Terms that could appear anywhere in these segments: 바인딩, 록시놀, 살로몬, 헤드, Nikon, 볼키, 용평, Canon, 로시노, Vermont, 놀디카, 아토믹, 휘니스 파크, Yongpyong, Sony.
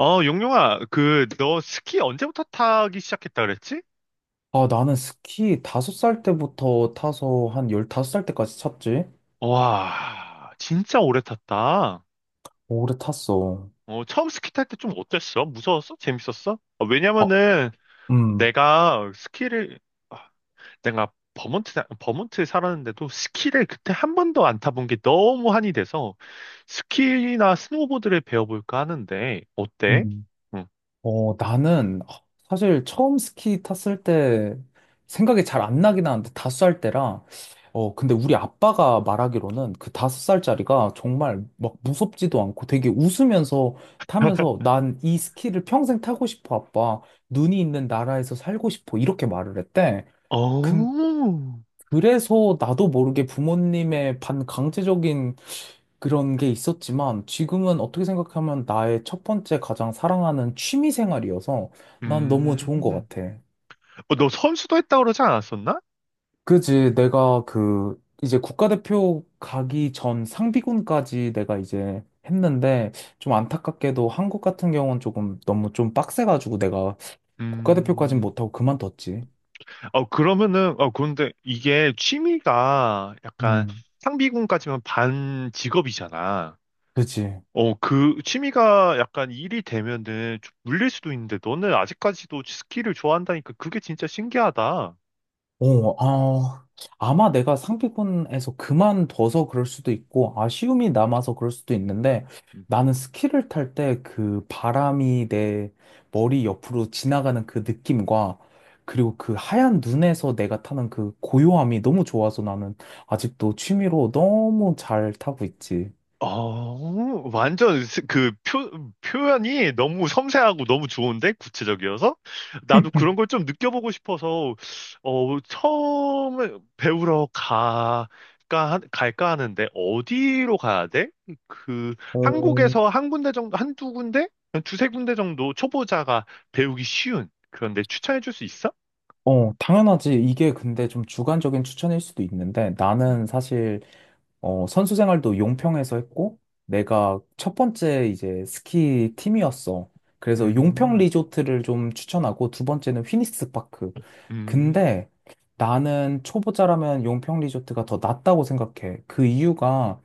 어, 용용아, 그, 너 스키 언제부터 타기 시작했다 그랬지? 아, 나는 스키 5살 때부터 타서 한 15살 때까지 탔지? 와, 진짜 오래 탔다. 오래 탔어. 어, 처음 스키 탈 때 좀 어땠어? 무서웠어? 재밌었어? 어, 아, 왜냐면은 음, 내가 스키를, 아, 내가 버몬트, 버몬트에 살았는데도 스키를 그때 한 번도 안 타본 게 너무 한이 돼서 스키나 스노보드를 배워볼까 하는데, 어때? 음. 응. 어, 나는 아, 사실 처음 스키 탔을 때 생각이 잘 안 나긴 하는데 5살 때라. 어, 근데 우리 아빠가 말하기로는 그 다섯 살짜리가 정말 막 무섭지도 않고 되게 웃으면서 타면서 난 이 스키를 평생 타고 싶어, 아빠. 눈이 있는 나라에서 살고 싶어. 이렇게 말을 했대. 어, 그래서 나도 모르게 부모님의 반강제적인 그런 게 있었지만 지금은 어떻게 생각하면 나의 첫 번째 가장 사랑하는 취미 생활이어서 난 너무 좋은 것 음, 같아. 어, 너 선수도 했다 그러지 않았었나? 그지? 내가 그 이제 국가대표 가기 전 상비군까지 내가 이제 했는데 좀 안타깝게도 한국 같은 경우는 조금 너무 좀 빡세가지고 내가 국가대표까진 음. 못하고 그만뒀지. 어, 그러면은, 어, 그런데 이게 취미가 약간 음. 상비군까지만 반 직업이잖아. 그지? 어, 그 취미가 약간 일이 되면은 좀 물릴 수도 있는데 너는 아직까지도 스키를 좋아한다니까 그게 진짜 신기하다. 어, 아, 아마 내가 상비군에서 그만둬서 그럴 수도 있고, 아쉬움이 남아서 그럴 수도 있는데, 나는 스키를 탈 때 그 바람이 내 머리 옆으로 지나가는 그 느낌과, 그리고 그 하얀 눈에서 내가 타는 그 고요함이 너무 좋아서 나는 아직도 취미로 너무 잘 타고 있지. 어, 완전 그 표현이 너무 섬세하고 너무 좋은데 구체적이어서 나도 그런 걸 좀 느껴보고 싶어서 어, 처음 배우러 가, 가, 갈까 하는데 어디로 가야 돼? 그 어, 한국에서 한 군데 정도, 한두 군데? 한 두세 군데 정도 초보자가 배우기 쉬운 그런데 추천해 줄 수 있어? 어, 당연하지. 이게 근데 좀 주관적인 추천일 수도 있는데, 나는 음, 사실 어, 선수 생활도 용평에서 했고, 내가 첫 번째 이제 스키 팀이었어. 그래서 용평 음, 리조트를 좀 추천하고, 두 번째는 휘니스 파크. 음, 근데 나는 초보자라면 용평 리조트가 더 낫다고 생각해. 그 이유가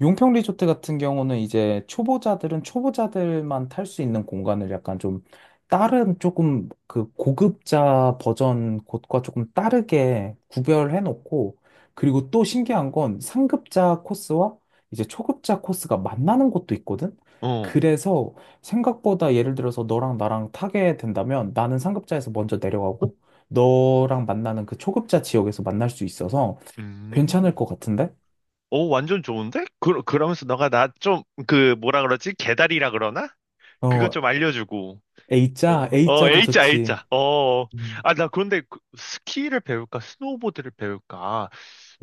용평 리조트 같은 경우는 이제 초보자들은 초보자들만 탈 수 있는 공간을 약간 좀 다른 조금 그 고급자 버전 곳과 조금 다르게 구별해 놓고, 그리고 또 신기한 건 상급자 코스와 이제 초급자 코스가 만나는 곳도 있거든? 어, 그래서 생각보다 예를 들어서 너랑 나랑 타게 된다면 나는 상급자에서 먼저 내려가고 너랑 만나는 그 초급자 지역에서 만날 수 있어서 괜찮을 음. 것 같은데? 오, 완전 좋은데? 그, 그러면서 너가 나 좀, 그, 뭐라 그러지? 개다리라 그러나? 그것 어, 좀 알려주고. A자, 어, 어, A자도 A자, 좋지. A자. 어, 어. 음, 아, 나 그런데 그 스키를 배울까? 스노우보드를 배울까?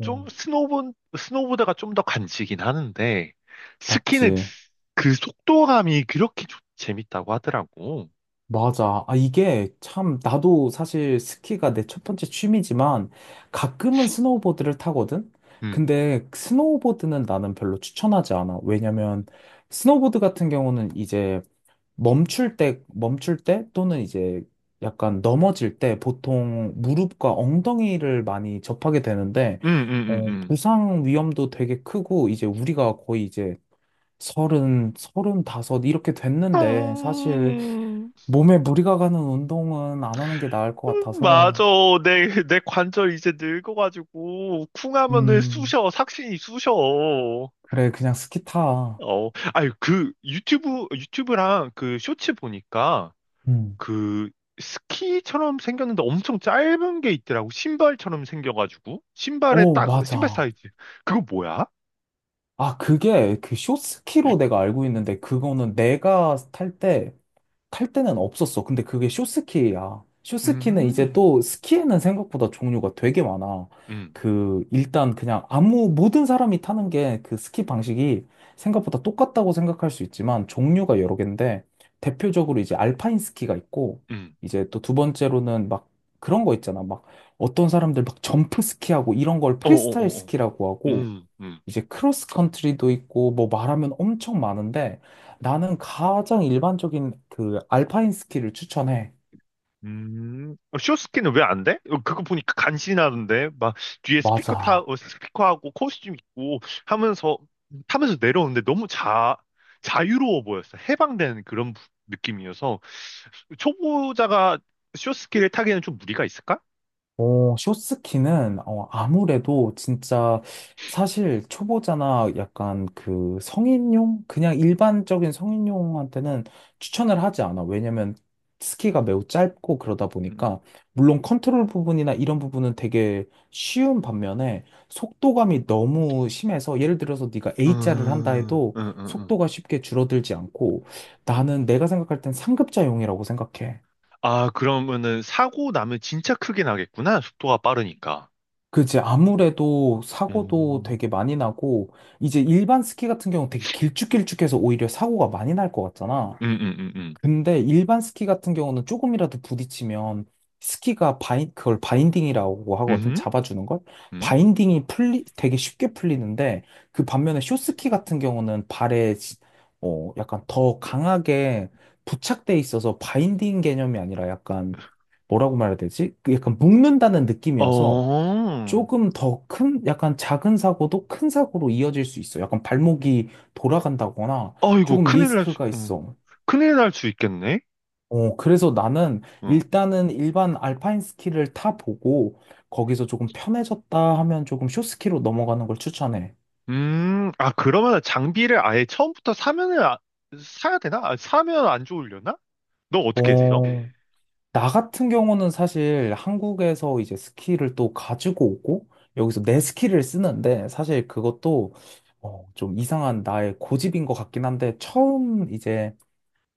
좀, 스노우보드가 좀 더 간지긴 하는데, 스키는 맞지. 그 속도감이 그렇게 재밌다고 하더라고. 맞아. 아, 이게 참, 나도 사실 스키가 내 첫 번째 취미지만 가끔은 스노우보드를 타거든? 음, 근데 스노우보드는 나는 별로 추천하지 않아. 왜냐면 스노우보드 같은 경우는 이제 멈출 때 또는 이제 약간 넘어질 때 보통 무릎과 엉덩이를 많이 접하게 되는데, 음, 음, 어, 음, 부상 위험도 되게 크고 이제 우리가 거의 이제 30, 35 이렇게 됐는데 사실 음. 몸에 무리가 가는 운동은 안 하는 게 나을 것 같아서. 맞아. 내 관절 이제 늙어가지고, 쿵하면은 음, 쑤셔. 삭신이 쑤셔. 어, 그래, 그냥 스키 타. 아유, 그, 유튜브랑 그 쇼츠 보니까, 음. 그, 스키처럼 생겼는데 엄청 짧은 게 있더라고. 신발처럼 생겨가지고. 신발에 어, 딱, 신발 맞아. 사이즈. 그거 뭐야? 아, 그게 그 숏스키로 내가 알고 있는데, 그거는 내가 탈때 탈 때는 없었어. 근데 그게 쇼스키야. 쇼스키는 이제 음, 또 스키에는 생각보다 종류가 되게 많아. 음, 그 일단 그냥 아무 모든 사람이 타는 게 그 스키 방식이 생각보다 똑같다고 생각할 수 있지만 종류가 여러 개인데 대표적으로 이제 알파인 스키가 있고 음. 이제 또 두 번째로는 막 그런 거 있잖아. 막 어떤 사람들 막 점프 스키하고 이런 걸 프리스타일 어어어어. 스키라고 하고 음, 음. 이제 크로스 컨트리도 있고 뭐 말하면 엄청 많은데 나는 가장 일반적인 그 알파인 스키를 추천해. 어, 쇼스케는 왜 안 돼? 어, 그거 보니까 간신하던데. 막 뒤에 스피커 맞아. 스피커하고 코스튬 입고 하면서, 타면서 내려오는데 너무 자유로워 보였어. 해방된 그런 느낌이어서. 초보자가 쇼스케를 타기에는 좀 무리가 있을까? 어, 쇼스키는 어, 아무래도 진짜 사실 초보자나 약간 그 성인용? 그냥 일반적인 성인용한테는 추천을 하지 않아. 왜냐면 스키가 매우 짧고 그러다 음, 보니까 물론 컨트롤 부분이나 이런 부분은 되게 쉬운 반면에 속도감이 너무 심해서 예를 들어서 네가 A자를 음, 한다 해도 음. 속도가 쉽게 줄어들지 않고 나는 내가 생각할 땐 상급자용이라고 생각해. 아, 그러면은 사고 나면 진짜 크게 나겠구나. 속도가 빠르니까. 그지. 아무래도 사고도 음, 되게 많이 나고, 이제 일반 스키 같은 경우는 되게 길쭉길쭉해서 오히려 사고가 많이 날 것 같잖아. 음, 음, 음, 음. 근데 일반 스키 같은 경우는 조금이라도 부딪히면 스키가 그걸 바인딩이라고 하거든. 음, 잡아주는 걸. 음. 바인딩이 되게 쉽게 풀리는데, 그 반면에 숏스키 같은 경우는 발에, 어, 약간 더 강하게 부착돼 있어서 바인딩 개념이 아니라 약간, 뭐라고 말해야 되지? 그 약간 묶는다는 느낌이어서, 어. 조금 더 큰, 약간 작은 사고도 큰 사고로 이어질 수 있어. 약간 발목이 돌아간다거나 어이구, 조금 큰일 날 수, 리스크가 응. 있어. 큰일 날 수 있겠네? 어, 그래서 나는 응. 일단은 일반 알파인 스키를 타보고 거기서 조금 편해졌다 하면 조금 숏스키로 넘어가는 걸 추천해. 아, 그러면 장비를 아예 처음부터 사면은, 사야 되나? 아, 사면 안 좋으려나? 너 어떻게 했어? 어, 나 같은 경우는 사실 한국에서 이제 스키를 또 가지고 오고 여기서 내 스키를 쓰는데 사실 그것도 어, 좀 이상한 나의 고집인 것 같긴 한데 처음 이제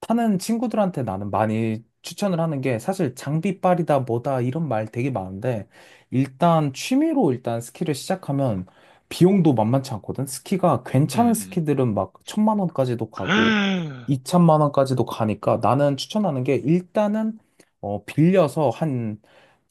타는 친구들한테 나는 많이 추천을 하는 게 사실 장비빨이다 뭐다 이런 말 되게 많은데 일단 취미로 일단 스키를 시작하면 비용도 만만치 않거든. 스키가 괜찮은 음, 음. 스키들은 막 천만 원까지도 가고 이천만 원까지도 가니까 나는 추천하는 게 일단은 어 빌려서 한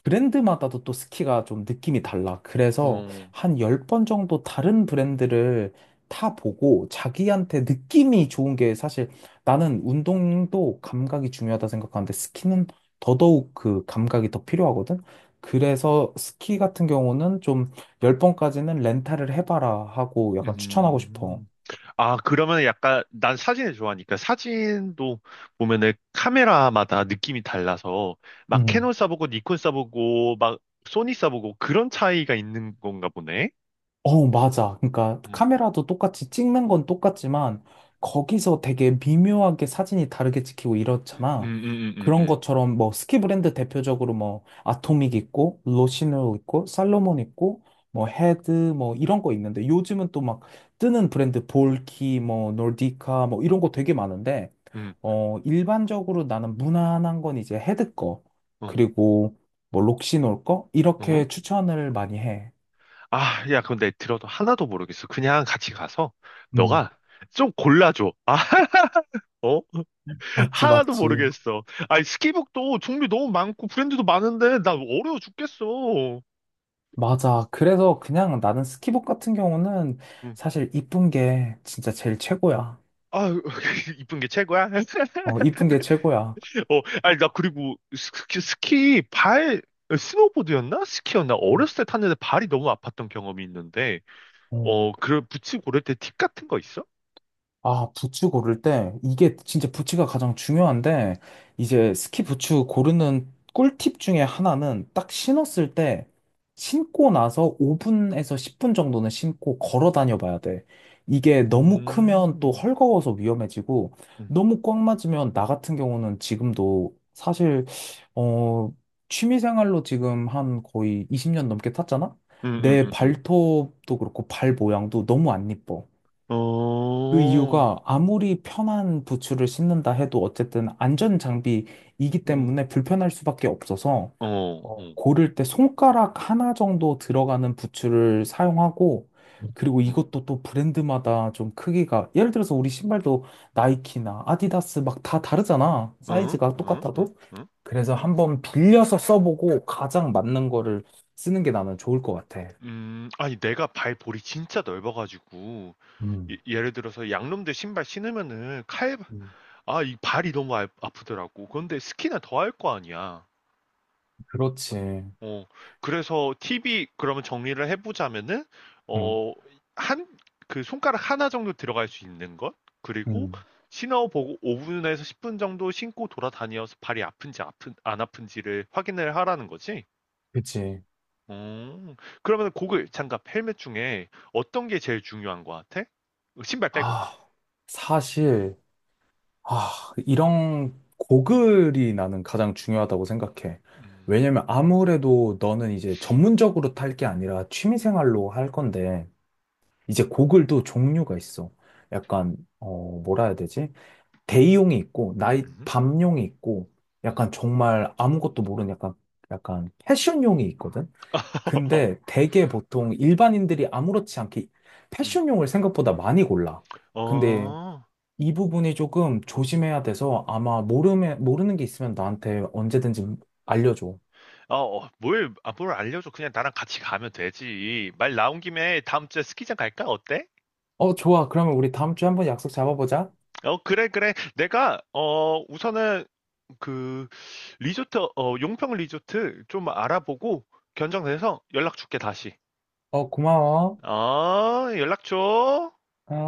브랜드마다도 또 스키가 좀 느낌이 달라. 그래서 어, 한 10번 정도 다른 브랜드를 타보고 자기한테 느낌이 좋은 게 사실 나는 운동도 감각이 중요하다 생각하는데 스키는 더더욱 그 감각이 더 필요하거든. 그래서 스키 같은 경우는 좀 10번까지는 렌탈을 해봐라 하고 약간 추천하고 싶어. 음. 아, 그러면 약간, 난 사진을 좋아하니까 사진도 보면은 카메라마다 느낌이 달라서 막 음. 캐논 써보고 니콘 써보고 막 소니 써보고 그런 차이가 있는 건가 보네? 어, 맞아. 그러니까 음, 카메라도 똑같이 찍는 건 똑같지만 거기서 되게 미묘하게 사진이 다르게 찍히고 음, 음, 이렇잖아. 음, 음, 그런 음, 것처럼 뭐 스키 브랜드 대표적으로 뭐 아토믹 있고 로시노 있고 살로몬 있고 뭐 헤드 뭐 이런 거 있는데 요즘은 또 막 뜨는 브랜드 볼키 뭐 놀디카 뭐 이런 거 되게 많은데 음, 어 일반적으로 나는 무난한 건 이제 헤드 거 어, 그리고 뭐 록시놀 거 어? 이렇게 추천을 많이 해. 아, 야, 근데 들어도 하나도 모르겠어. 그냥 같이 가서 음. 너가 좀 골라줘. 아, 어? 맞지, 하나도 맞지. 모르겠어. 아니, 스키북도 종류 너무 많고 브랜드도 많은데 나 어려워 죽겠어. 맞아. 그래서 그냥 나는 스키복 같은 경우는 음. 사실 이쁜 게 진짜 제일 최고야. 아, 이쁜 게 최고야. 어, 이쁜 게 최고야. 어, 아니, 나 그리고 스키 발, 어, 스노보드였나? 스키였나? 어렸을 때 탔는데 발이 너무 아팠던 경험이 있는데, 어. 어, 그 부츠 고를 때 팁 같은 거 있어? 아, 부츠 고를 때, 이게 진짜 부츠가 가장 중요한데, 이제 스키 부츠 고르는 꿀팁 중에 하나는 딱 신었을 때, 신고 나서 5분에서 10분 정도는 신고 걸어 다녀 봐야 돼. 이게 너무 크면 또 음, 헐거워서 위험해지고, 음, 너무 꽉 맞으면 나 같은 경우는 지금도 사실, 어, 취미 생활로 지금 한 거의 20년 넘게 탔잖아? 내 음. 발톱도 그렇고 발 모양도 너무 안 이뻐. 그 어, 이유가 아무리 편한 부츠를 신는다 해도 어쨌든 안전 장비이기 응. 때문에 불편할 수밖에 없어서 어, 어, 어, 고를 때 손가락 하나 정도 들어가는 부츠를 사용하고 그리고 어, 이것도 또 브랜드마다 좀 크기가 예를 들어서 우리 신발도 나이키나 아디다스 막 다 다르잖아. 응, 사이즈가 응, 응, 똑같아도. 응. 그래서 한번 빌려서 써보고 가장 맞는 거를 쓰는 게 나는 좋을 것 같아. 아니, 내가 발볼이 진짜 넓어가지고, 예, 음. 예를 들어서 양놈들 신발 신으면은 칼, 음. 아, 이 발이 너무 아프더라고. 그런데 스키는 더할 거 아니야. 그렇지. 어, 그래서 팁이, 그러면 정리를 해보자면은, 응, 어, 한, 그 손가락 하나 정도 들어갈 수 있는 것? 그리고 응. 신어보고 5분에서 10분 정도 신고 돌아다녀서 발이 아픈지 안 아픈지를 확인을 하라는 거지? 그치. 음. 그러면 고글, 장갑, 헬멧 중에 어떤 게 제일 중요한 것 같아? 어, 신발 빼고. 아, 사실, 아, 이런 고글이 나는 가장 중요하다고 생각해. 음. 왜냐면 아무래도 너는 이제 전문적으로 탈 게 아니라 취미생활로 할 건데, 이제 고글도 종류가 있어. 약간, 어, 뭐라 해야 되지? 대용이 있고, 음. 밤용이 있고, 음. 약간 정말 아무것도 모르는 약간, 약간 패션용이 있거든? 근데 되게 보통 일반인들이 아무렇지 않게 음. 패션용을 생각보다 많이 골라. 근데 어. 이 부분이 조금 조심해야 돼서 아마 모르는 게 있으면 나한테 언제든지 알려줘. 어, 어, 뭘, 아, 뭘 알려줘. 그냥 나랑 같이 가면 되지. 말 나온 김에 다음 주에 스키장 갈까? 어때? 어, 좋아. 그러면 우리 다음 주에 한번 약속 잡아보자. 어, 그래, 그래. 내가, 어, 우선은 그, 리조트, 어, 용평 리조트 좀 알아보고 견적내서 연락 줄게, 다시. 어, 고마워. 어, 연락 줘. 어.